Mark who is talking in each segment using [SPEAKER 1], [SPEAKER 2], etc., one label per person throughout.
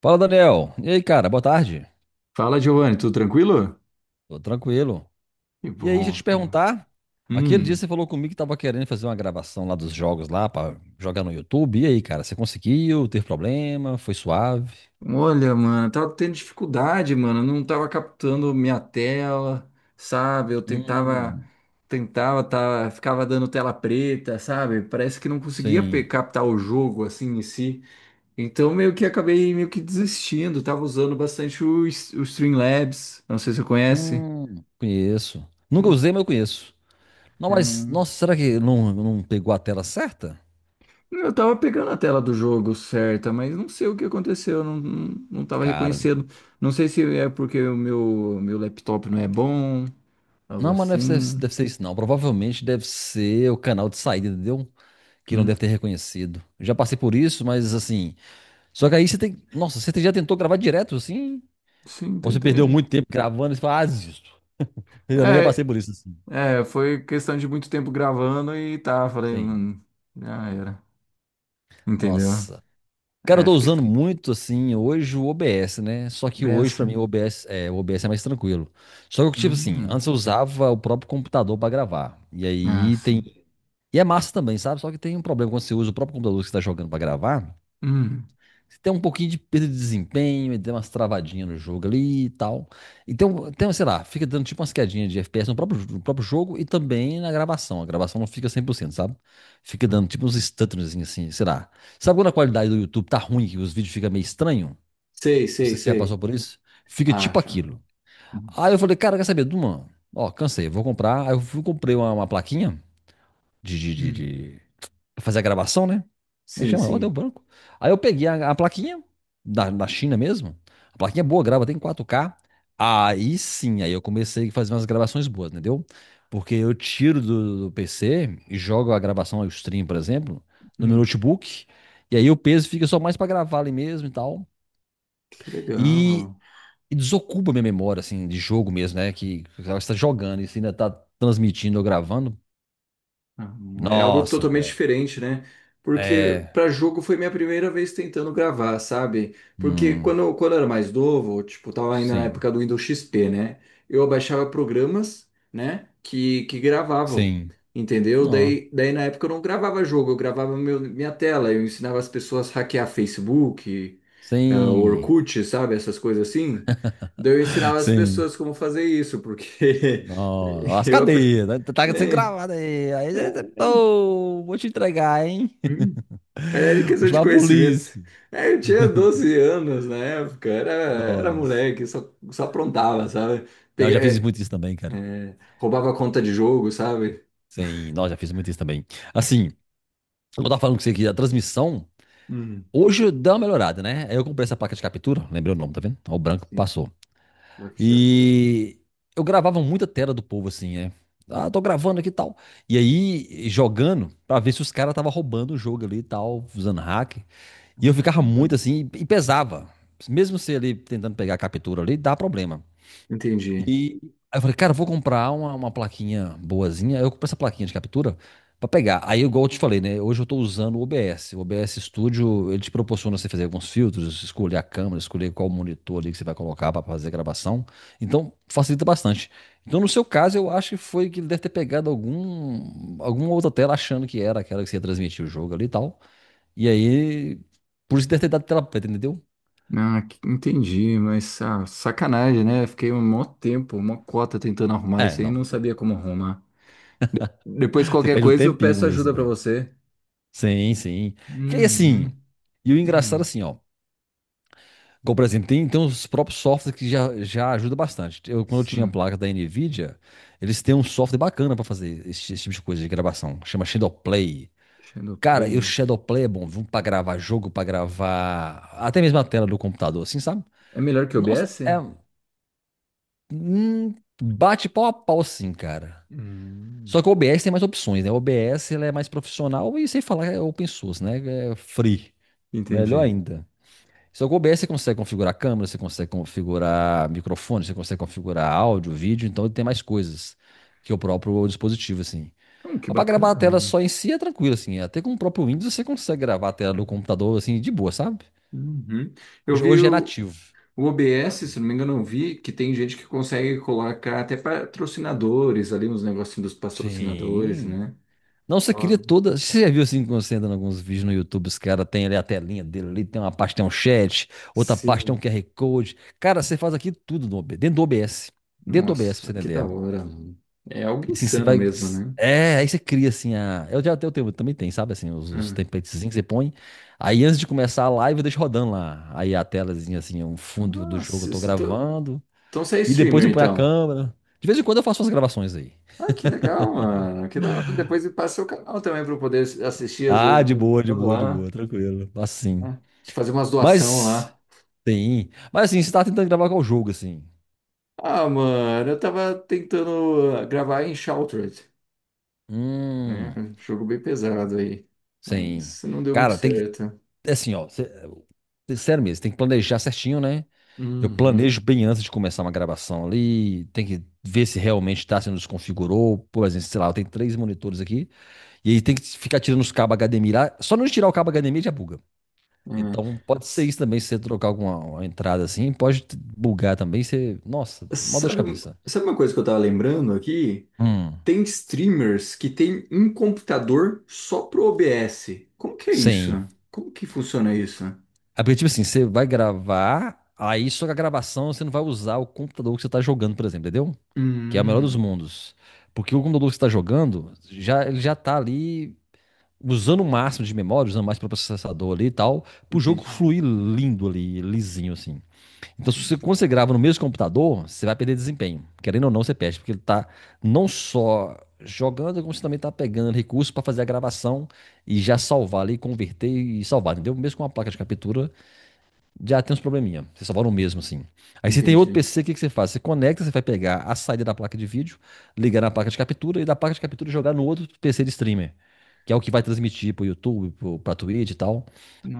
[SPEAKER 1] Fala, Daniel. E aí, cara? Boa tarde.
[SPEAKER 2] Fala, Giovanni, tudo tranquilo?
[SPEAKER 1] Tô tranquilo.
[SPEAKER 2] Que
[SPEAKER 1] E aí, deixa eu
[SPEAKER 2] bom.
[SPEAKER 1] te perguntar. Aquele dia
[SPEAKER 2] Hum,
[SPEAKER 1] você falou comigo que tava querendo fazer uma gravação lá dos jogos lá pra jogar no YouTube. E aí, cara? Você conseguiu? Teve problema? Foi suave?
[SPEAKER 2] olha, mano, tava tendo dificuldade, mano, não tava captando minha tela, sabe? Eu tentava,
[SPEAKER 1] Hum,
[SPEAKER 2] tentava, tava, ficava dando tela preta, sabe? Parece que não conseguia
[SPEAKER 1] sim.
[SPEAKER 2] captar o jogo, assim, em si. Então, meio que acabei meio que desistindo, tava usando bastante o Streamlabs, não sei se você conhece.
[SPEAKER 1] Conheço. Nunca usei, mas eu conheço. Não, mas, nossa, será que não pegou a tela certa?
[SPEAKER 2] Eu tava pegando a tela do jogo certa, mas não sei o que aconteceu, não tava
[SPEAKER 1] Cara,
[SPEAKER 2] reconhecendo. Não sei se é porque meu laptop não é bom, algo
[SPEAKER 1] não, mas não deve ser,
[SPEAKER 2] assim.
[SPEAKER 1] deve ser isso, não. Provavelmente deve ser o canal de saída, entendeu? Que não
[SPEAKER 2] Hum.
[SPEAKER 1] deve ter reconhecido. Já passei por isso, mas assim. Só que aí você tem. Nossa, você já tentou gravar direto assim?
[SPEAKER 2] Sim,
[SPEAKER 1] Ou você perdeu
[SPEAKER 2] tentei.
[SPEAKER 1] muito tempo gravando e você fala, ah, desisto. Eu também já passei
[SPEAKER 2] É,
[SPEAKER 1] por isso assim.
[SPEAKER 2] foi questão de muito tempo gravando e tá, falei,
[SPEAKER 1] Sim.
[SPEAKER 2] mano, já era. Entendeu?
[SPEAKER 1] Nossa. Cara, eu
[SPEAKER 2] É,
[SPEAKER 1] tô
[SPEAKER 2] fiquei
[SPEAKER 1] usando
[SPEAKER 2] triste.
[SPEAKER 1] muito assim hoje o OBS, né? Só que hoje
[SPEAKER 2] Beça.
[SPEAKER 1] pra mim o OBS é mais tranquilo. Só que tipo assim,
[SPEAKER 2] Hum,
[SPEAKER 1] antes eu usava o próprio computador pra gravar. E
[SPEAKER 2] ah,
[SPEAKER 1] aí tem,
[SPEAKER 2] sim.
[SPEAKER 1] e é massa também, sabe? Só que tem um problema quando você usa o próprio computador que você tá jogando pra gravar.
[SPEAKER 2] Hum.
[SPEAKER 1] Você tem um pouquinho de perda de desempenho, e tem umas travadinhas no jogo ali e tal. Então, tem, sei lá, fica dando tipo umas quedinhas de FPS no próprio jogo e também na gravação. A gravação não fica cem por cento, sabe? Fica dando tipo uns stutters assim, sei lá. Sabe quando a qualidade do YouTube tá ruim, que os vídeos ficam meio estranhos?
[SPEAKER 2] Sei,
[SPEAKER 1] Não
[SPEAKER 2] sei,
[SPEAKER 1] sei se você já passou
[SPEAKER 2] sei.
[SPEAKER 1] por isso. Fica tipo
[SPEAKER 2] Acha.
[SPEAKER 1] aquilo. Aí eu falei, cara, quer saber, Duma? Ó, cansei, vou comprar. Aí eu fui, comprei uma plaquinha de, de, de,
[SPEAKER 2] Hum.
[SPEAKER 1] de fazer a gravação, né? Me
[SPEAKER 2] Sim,
[SPEAKER 1] chama, ó, deu
[SPEAKER 2] sim.
[SPEAKER 1] branco. Aí eu peguei a plaquinha da China mesmo. A plaquinha é boa, grava tem 4K. Aí sim, aí eu comecei a fazer umas gravações boas, entendeu? Porque eu tiro do PC e jogo a gravação, o stream, por exemplo, no meu
[SPEAKER 2] Hum.
[SPEAKER 1] notebook. E aí o peso fica só mais pra gravar ali mesmo e tal.
[SPEAKER 2] Que
[SPEAKER 1] E,
[SPEAKER 2] legal.
[SPEAKER 1] e desocupa minha memória, assim, de jogo mesmo, né? Que você tá jogando e você ainda tá transmitindo ou gravando.
[SPEAKER 2] Uhum. É algo
[SPEAKER 1] Nossa,
[SPEAKER 2] totalmente
[SPEAKER 1] velho.
[SPEAKER 2] diferente, né? Porque
[SPEAKER 1] É.
[SPEAKER 2] para jogo foi minha primeira vez tentando gravar, sabe? Porque
[SPEAKER 1] Hum,
[SPEAKER 2] quando eu era mais novo, tipo, tava ainda na
[SPEAKER 1] sim.
[SPEAKER 2] época do Windows XP, né? Eu baixava programas, né? Que gravavam,
[SPEAKER 1] Sim.
[SPEAKER 2] entendeu?
[SPEAKER 1] Não.
[SPEAKER 2] Daí na época eu não gravava jogo, eu gravava minha tela, eu ensinava as pessoas a hackear Facebook,
[SPEAKER 1] Sim.
[SPEAKER 2] Orkut, sabe? Essas coisas assim. Daí eu ensinava as
[SPEAKER 1] Sim.
[SPEAKER 2] pessoas como fazer isso, porque
[SPEAKER 1] Não. As
[SPEAKER 2] eu aprendi.
[SPEAKER 1] cadeias, né? Tá sendo gravado aí. Aí você. Pô, vou te entregar, hein?
[SPEAKER 2] Hum. Mas era
[SPEAKER 1] Vou
[SPEAKER 2] questão de
[SPEAKER 1] chamar a
[SPEAKER 2] conhecimento.
[SPEAKER 1] polícia.
[SPEAKER 2] É, eu tinha 12 anos na época, era
[SPEAKER 1] Nossa.
[SPEAKER 2] moleque, só aprontava, sabe?
[SPEAKER 1] Não, eu
[SPEAKER 2] Pega,
[SPEAKER 1] já fiz
[SPEAKER 2] é,
[SPEAKER 1] muito isso também, cara.
[SPEAKER 2] roubava conta de jogo, sabe?
[SPEAKER 1] Sim, nós já fiz muito isso também. Assim, eu tava falando com você aqui da transmissão.
[SPEAKER 2] Hum.
[SPEAKER 1] Hoje deu uma melhorada, né? Aí eu comprei essa placa de captura. Lembrei o nome, tá vendo? Ó, o branco
[SPEAKER 2] Sim.
[SPEAKER 1] passou.
[SPEAKER 2] Só que tinha fora.
[SPEAKER 1] E eu gravava muita tela do povo assim, é. Ah, tô gravando aqui e tal. E aí, jogando, pra ver se os caras tava roubando o jogo ali e tal, usando hack. E eu ficava muito
[SPEAKER 2] Hum.
[SPEAKER 1] assim, e pesava. Mesmo você ali tentando pegar a captura ali, dá problema. E
[SPEAKER 2] Entendi.
[SPEAKER 1] aí eu falei, cara, eu vou comprar uma plaquinha boazinha. Aí eu comprei essa plaquinha de captura pra pegar. Aí, igual eu te falei, né? Hoje eu tô usando o OBS. O OBS Studio, ele te proporciona você fazer alguns filtros, escolher a câmera, escolher qual monitor ali que você vai colocar pra fazer a gravação. Então, facilita bastante. Então, no seu caso, eu acho que foi que ele deve ter pegado alguma outra tela achando que era aquela que você ia transmitir o jogo ali e tal. E aí, por isso deve ter dado tela preta, entendeu?
[SPEAKER 2] Ah, entendi, mas ah, sacanagem, né? Fiquei um mó tempo, uma cota tentando arrumar
[SPEAKER 1] É,
[SPEAKER 2] isso aí, não
[SPEAKER 1] não.
[SPEAKER 2] sabia como arrumar. De- depois,
[SPEAKER 1] Você
[SPEAKER 2] qualquer
[SPEAKER 1] perde um
[SPEAKER 2] coisa, eu
[SPEAKER 1] tempinho
[SPEAKER 2] peço
[SPEAKER 1] com isso,
[SPEAKER 2] ajuda pra
[SPEAKER 1] velho.
[SPEAKER 2] você.
[SPEAKER 1] Sim, sim. Que aí assim,
[SPEAKER 2] Uhum.
[SPEAKER 1] e o engraçado
[SPEAKER 2] Hum.
[SPEAKER 1] assim, ó. Como, por exemplo, tem uns próprios softwares que já ajuda bastante. Eu, quando eu tinha a
[SPEAKER 2] Sim,
[SPEAKER 1] placa da NVIDIA, eles têm um software bacana pra fazer esse tipo de coisa de gravação, que chama Shadowplay. Cara, e o
[SPEAKER 2] Shadowplay.
[SPEAKER 1] Shadowplay é bom, viu? Pra gravar jogo, pra gravar até mesmo a tela do computador, assim, sabe?
[SPEAKER 2] É melhor que o
[SPEAKER 1] Nossa,
[SPEAKER 2] OBS?
[SPEAKER 1] é. hum, bate pau a pau, sim, cara.
[SPEAKER 2] Hum,
[SPEAKER 1] Só que o OBS tem mais opções, né? O OBS ele é mais profissional e sem falar é open source, né? É free. Melhor
[SPEAKER 2] entendi.
[SPEAKER 1] ainda. Se que o OBS você consegue configurar câmera, você consegue configurar microfone, você consegue configurar áudio, vídeo, então ele tem mais coisas que o próprio dispositivo, assim.
[SPEAKER 2] Então, que
[SPEAKER 1] Mas pra gravar a
[SPEAKER 2] bacana,
[SPEAKER 1] tela
[SPEAKER 2] mano.
[SPEAKER 1] só em si é tranquilo, assim. Até com o próprio Windows você consegue gravar a tela do computador, assim, de boa, sabe?
[SPEAKER 2] Uhum. Eu
[SPEAKER 1] Hoje,
[SPEAKER 2] vi
[SPEAKER 1] hoje é nativo.
[SPEAKER 2] o OBS, se não me engano, eu vi que tem gente que consegue colocar até patrocinadores ali, uns negocinhos dos patrocinadores,
[SPEAKER 1] Sim.
[SPEAKER 2] né?
[SPEAKER 1] Não, você queria
[SPEAKER 2] Top.
[SPEAKER 1] toda. Você já viu assim, quando você entra em alguns vídeos no YouTube, os caras têm ali a telinha dele, ali tem uma parte, tem um chat, outra parte tem um
[SPEAKER 2] Sim.
[SPEAKER 1] QR Code. Cara, você faz aqui tudo no OBS, dentro do OBS. Dentro do OBS, pra você
[SPEAKER 2] Nossa, que da
[SPEAKER 1] entender.
[SPEAKER 2] hora, mano. É algo
[SPEAKER 1] E assim, você
[SPEAKER 2] insano
[SPEAKER 1] vai.
[SPEAKER 2] mesmo, né?
[SPEAKER 1] É, aí você cria assim a. Eu já tenho, eu também tem, sabe? Assim, os
[SPEAKER 2] Hum.
[SPEAKER 1] templatezinhos que você põe. Aí antes de começar a live, eu deixo rodando lá. Aí a telazinha, assim, o fundo do jogo eu
[SPEAKER 2] Nossa,
[SPEAKER 1] tô gravando.
[SPEAKER 2] então você é
[SPEAKER 1] E depois
[SPEAKER 2] streamer,
[SPEAKER 1] eu ponho a
[SPEAKER 2] então.
[SPEAKER 1] câmera. De vez em quando eu faço umas gravações aí.
[SPEAKER 2] Ah, que legal, mano. Que da hora. Depois passa o canal também para eu poder assistir, às vezes,
[SPEAKER 1] Ah,
[SPEAKER 2] de
[SPEAKER 1] de
[SPEAKER 2] vez em
[SPEAKER 1] boa, de
[SPEAKER 2] quando
[SPEAKER 1] boa, de
[SPEAKER 2] lá,
[SPEAKER 1] boa, tranquilo. Assim.
[SPEAKER 2] né? De fazer umas doação
[SPEAKER 1] Mas.
[SPEAKER 2] lá.
[SPEAKER 1] Sim. Mas assim, você tá tentando gravar qual jogo, assim?
[SPEAKER 2] Ah, mano, eu tava tentando gravar em Shrouded, né?
[SPEAKER 1] Hum.
[SPEAKER 2] Jogo bem pesado aí,
[SPEAKER 1] Sim.
[SPEAKER 2] mas não deu muito
[SPEAKER 1] Cara, tem que.
[SPEAKER 2] certo.
[SPEAKER 1] É assim, ó. Sério mesmo, tem que planejar certinho, né? Eu
[SPEAKER 2] Uhum,
[SPEAKER 1] planejo bem antes de começar uma gravação ali, tem que ver se realmente está sendo desconfigurou. Por exemplo, sei lá, eu tenho três monitores aqui, e aí tem que ficar tirando os cabos HDMI lá. Só não tirar o cabo HDMI já buga.
[SPEAKER 2] é.
[SPEAKER 1] Então pode ser
[SPEAKER 2] S-
[SPEAKER 1] isso também, se você trocar alguma uma entrada assim, pode bugar também. Você, nossa, uma dor de
[SPEAKER 2] Sabe,
[SPEAKER 1] cabeça.
[SPEAKER 2] sabe uma coisa que eu tava lembrando aqui?
[SPEAKER 1] Hum,
[SPEAKER 2] Tem streamers que tem um computador só pro OBS. Como que é isso?
[SPEAKER 1] sim.
[SPEAKER 2] Como que funciona isso?
[SPEAKER 1] É porque, tipo assim, você vai gravar, aí só que a gravação você não vai usar o computador que você está jogando, por exemplo, entendeu? Que é o melhor dos
[SPEAKER 2] Hum,
[SPEAKER 1] mundos. Porque o computador que você está jogando, já, ele já tá ali usando o máximo de memória, usando mais para o processador ali e tal, para o jogo
[SPEAKER 2] entendi,
[SPEAKER 1] fluir lindo ali, lisinho assim. Então, se você,
[SPEAKER 2] entendi,
[SPEAKER 1] quando você grava no mesmo computador, você vai perder desempenho. Querendo ou não, você perde, porque ele tá não só jogando, como você também tá pegando recursos para fazer a gravação e já salvar ali, converter e salvar, entendeu? Mesmo com uma placa de captura, já tem uns probleminha. Você só vai no mesmo, assim. Aí você tem outro
[SPEAKER 2] entendi.
[SPEAKER 1] PC, o que que você faz? Você conecta, você vai pegar a saída da placa de vídeo, ligar na placa de captura e da placa de captura jogar no outro PC de streamer. Que é o que vai transmitir pro YouTube, pro, pra Twitch e tal,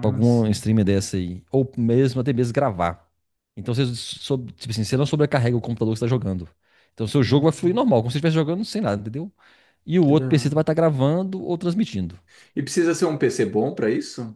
[SPEAKER 1] pra algum streamer dessa aí. Ou mesmo, até mesmo gravar. Então você, tipo assim, você não sobrecarrega o computador que você tá jogando. Então seu jogo vai fluir
[SPEAKER 2] hum,
[SPEAKER 1] normal, como se você estivesse jogando sem nada, entendeu? E o
[SPEAKER 2] que da
[SPEAKER 1] outro PC vai estar
[SPEAKER 2] hora.
[SPEAKER 1] gravando ou transmitindo.
[SPEAKER 2] E precisa ser um PC bom pra isso?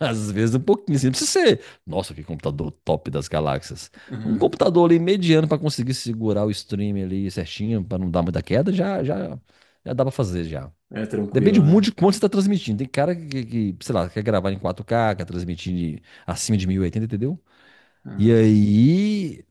[SPEAKER 1] Às vezes um pouquinho, assim, não precisa ser. Nossa, que computador top das galáxias. Um computador ali mediano para conseguir segurar o stream ali certinho, para não dar muita queda, já dá para fazer já.
[SPEAKER 2] É tranquilo,
[SPEAKER 1] Depende muito
[SPEAKER 2] né?
[SPEAKER 1] de quanto você está transmitindo. Tem cara que sei lá, quer gravar em 4K, quer transmitir acima de 1080, entendeu? E
[SPEAKER 2] Ah,
[SPEAKER 1] aí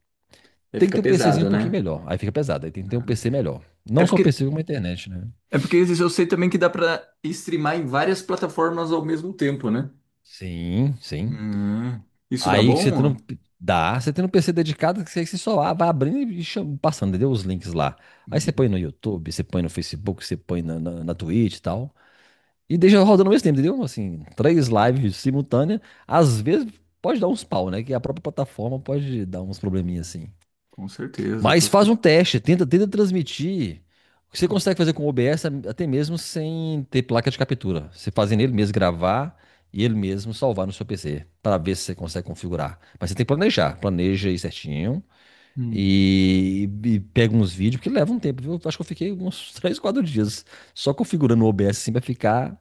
[SPEAKER 2] aí
[SPEAKER 1] tem que
[SPEAKER 2] fica
[SPEAKER 1] ter um PCzinho
[SPEAKER 2] pesado,
[SPEAKER 1] um pouquinho
[SPEAKER 2] né?
[SPEAKER 1] melhor. Aí fica pesado, aí tem que ter um
[SPEAKER 2] Ah.
[SPEAKER 1] PC melhor.
[SPEAKER 2] É
[SPEAKER 1] Não só o
[SPEAKER 2] porque,
[SPEAKER 1] PC, como a internet, né?
[SPEAKER 2] é porque esses eu sei também que dá pra streamar em várias plataformas ao mesmo tempo, né?
[SPEAKER 1] Sim, sim.
[SPEAKER 2] Hum, isso dá
[SPEAKER 1] Aí que você tem
[SPEAKER 2] bom?
[SPEAKER 1] um, dá, você tem um PC dedicado que você só vai abrindo e passando, entendeu? Os links lá. Aí você
[SPEAKER 2] Uhum.
[SPEAKER 1] põe no YouTube, você põe no Facebook, você põe na Twitch e tal. E deixa rodando ao mesmo tempo, entendeu? Assim, três lives simultâneas. Às vezes pode dar uns pau, né? Que a própria plataforma pode dar uns probleminhas assim.
[SPEAKER 2] Com certeza, com
[SPEAKER 1] Mas faz um
[SPEAKER 2] certeza.
[SPEAKER 1] teste, tenta, tenta transmitir. O que você consegue fazer com o OBS até mesmo sem ter placa de captura. Você fazendo ele mesmo gravar e ele mesmo salvar no seu PC, para ver se você consegue configurar. Mas você tem que planejar, planeja aí certinho
[SPEAKER 2] Hum.
[SPEAKER 1] e pega uns vídeos, porque leva um tempo, viu? Acho que eu fiquei uns 3, 4 dias só configurando o OBS assim pra ficar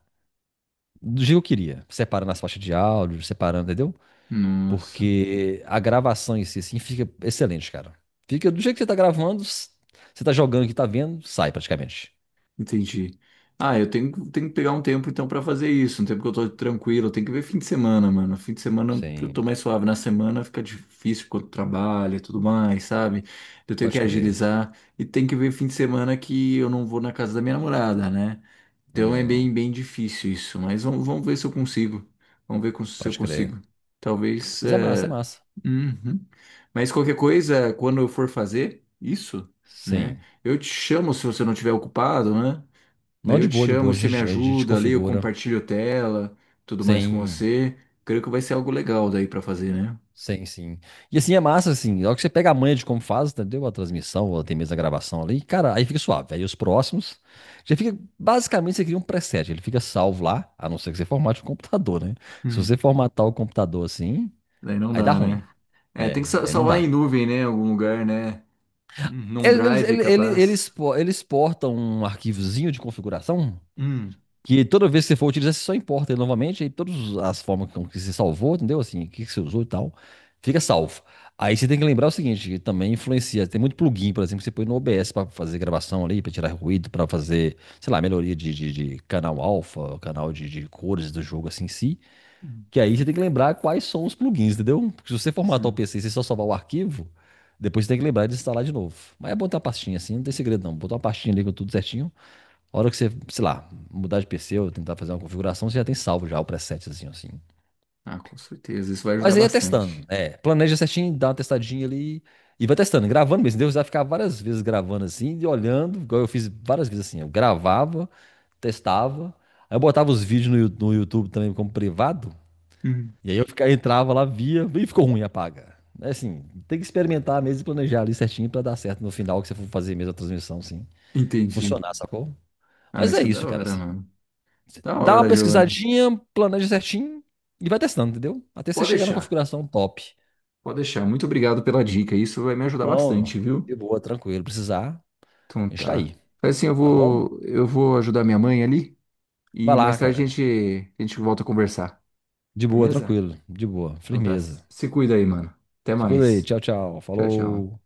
[SPEAKER 1] do jeito que eu queria. Separando as faixas de áudio, separando, entendeu?
[SPEAKER 2] Nossa.
[SPEAKER 1] Porque a gravação em si, assim, fica excelente, cara. Fica do jeito que você tá gravando, você tá jogando que tá vendo, sai praticamente.
[SPEAKER 2] Entendi. Ah, tenho que pegar um tempo então pra fazer isso, um tempo que eu tô tranquilo, tem que ver fim de semana, mano. Fim de semana eu tô
[SPEAKER 1] Sim,
[SPEAKER 2] mais suave, na semana fica difícil quando trabalha e tudo mais, sabe? Eu tenho que
[SPEAKER 1] pode crer.
[SPEAKER 2] agilizar e tem que ver fim de semana que eu não vou na casa da minha namorada, né? Então é
[SPEAKER 1] Hum,
[SPEAKER 2] bem difícil isso, mas vamos ver se eu consigo. Vamos ver se eu
[SPEAKER 1] pode crer.
[SPEAKER 2] consigo. Talvez.
[SPEAKER 1] Mas é massa, é
[SPEAKER 2] É,
[SPEAKER 1] massa.
[SPEAKER 2] uhum. Mas qualquer coisa, quando eu for fazer isso, né?
[SPEAKER 1] Sim.
[SPEAKER 2] Eu te chamo se você não estiver ocupado, né? Daí
[SPEAKER 1] Não,
[SPEAKER 2] eu
[SPEAKER 1] de
[SPEAKER 2] te
[SPEAKER 1] boa, de boa.
[SPEAKER 2] chamo,
[SPEAKER 1] A
[SPEAKER 2] você me
[SPEAKER 1] gente, a gente
[SPEAKER 2] ajuda ali, eu
[SPEAKER 1] configura.
[SPEAKER 2] compartilho tela, tudo mais com
[SPEAKER 1] Sim.
[SPEAKER 2] você. Creio que vai ser algo legal daí pra fazer, né?
[SPEAKER 1] Sim, sim. E assim, é massa, assim, logo que você pega a manha de como faz, entendeu? A transmissão, ou até mesmo a gravação ali, cara, aí fica suave. Aí os próximos, já fica, basicamente, você cria um preset, ele fica salvo lá, a não ser que você formate o computador, né? Se
[SPEAKER 2] Hum.
[SPEAKER 1] você formatar o computador assim,
[SPEAKER 2] Daí não
[SPEAKER 1] aí dá
[SPEAKER 2] dá, né?
[SPEAKER 1] ruim.
[SPEAKER 2] É, tem que
[SPEAKER 1] É, aí não
[SPEAKER 2] salvar em
[SPEAKER 1] dá.
[SPEAKER 2] nuvem, né? Em algum lugar, né? Num uhum,
[SPEAKER 1] Eles,
[SPEAKER 2] drive,
[SPEAKER 1] eles, eles, eles,
[SPEAKER 2] capaz.
[SPEAKER 1] expo- eles exportam um arquivozinho de configuração.
[SPEAKER 2] Hum,
[SPEAKER 1] Que toda vez que você for utilizar, você só importa ele novamente, aí todas as formas com que você salvou, entendeu? Assim, o que que você usou e tal, fica salvo. Aí você tem que lembrar o seguinte, que também influencia. Tem muito plugin, por exemplo, que você põe no OBS para fazer gravação ali, para tirar ruído, para fazer, sei lá, melhoria de canal alfa, canal de cores do jogo assim em si.
[SPEAKER 2] hum,
[SPEAKER 1] Que aí você tem que lembrar quais são os plugins, entendeu? Porque se você formatar o
[SPEAKER 2] sim.
[SPEAKER 1] PC e você só salvar o arquivo, depois você tem que lembrar de instalar de novo. Mas é botar a pastinha assim, não tem segredo não. Botar uma pastinha ali com tudo certinho. A hora que você, sei lá, mudar de PC ou tentar fazer uma configuração, você já tem salvo já o presetzinho assim.
[SPEAKER 2] Ah, com certeza. Isso vai ajudar
[SPEAKER 1] Mas aí é
[SPEAKER 2] bastante.
[SPEAKER 1] testando, é. Planeja certinho, dá uma testadinha ali e vai testando, gravando mesmo. Deus vai ficar várias vezes gravando assim e olhando, igual eu fiz várias vezes assim. Eu gravava, testava, aí eu botava os vídeos no, no YouTube também como privado,
[SPEAKER 2] Hum.
[SPEAKER 1] e aí eu ficava, entrava lá, via, e ficou ruim, apaga. É assim, tem que experimentar mesmo e planejar ali certinho pra dar certo no final que você for fazer mesmo a transmissão, assim,
[SPEAKER 2] Entendi.
[SPEAKER 1] funcionar, sacou?
[SPEAKER 2] Ah,
[SPEAKER 1] Mas
[SPEAKER 2] mas
[SPEAKER 1] é
[SPEAKER 2] que da
[SPEAKER 1] isso, cara.
[SPEAKER 2] hora,
[SPEAKER 1] Assim.
[SPEAKER 2] mano. Da
[SPEAKER 1] Dá uma
[SPEAKER 2] hora, Giovana.
[SPEAKER 1] pesquisadinha, planeja certinho e vai testando, entendeu? Até você
[SPEAKER 2] Pode
[SPEAKER 1] chegar na
[SPEAKER 2] deixar.
[SPEAKER 1] configuração top.
[SPEAKER 2] Pode deixar. Muito obrigado pela dica. Isso vai me ajudar
[SPEAKER 1] Não,
[SPEAKER 2] bastante, viu?
[SPEAKER 1] de boa, tranquilo. Precisar,
[SPEAKER 2] Então
[SPEAKER 1] a gente tá
[SPEAKER 2] tá.
[SPEAKER 1] aí,
[SPEAKER 2] Faz assim,
[SPEAKER 1] tá bom?
[SPEAKER 2] eu vou ajudar minha mãe ali.
[SPEAKER 1] Vai
[SPEAKER 2] E
[SPEAKER 1] lá,
[SPEAKER 2] mais tarde
[SPEAKER 1] cara.
[SPEAKER 2] a gente volta a conversar.
[SPEAKER 1] De boa,
[SPEAKER 2] Firmeza?
[SPEAKER 1] tranquilo. De boa,
[SPEAKER 2] Então tá.
[SPEAKER 1] firmeza.
[SPEAKER 2] Se cuida aí, mano. Até
[SPEAKER 1] Se cuida aí.
[SPEAKER 2] mais.
[SPEAKER 1] Tchau, tchau.
[SPEAKER 2] Tchau, tchau.
[SPEAKER 1] Falou.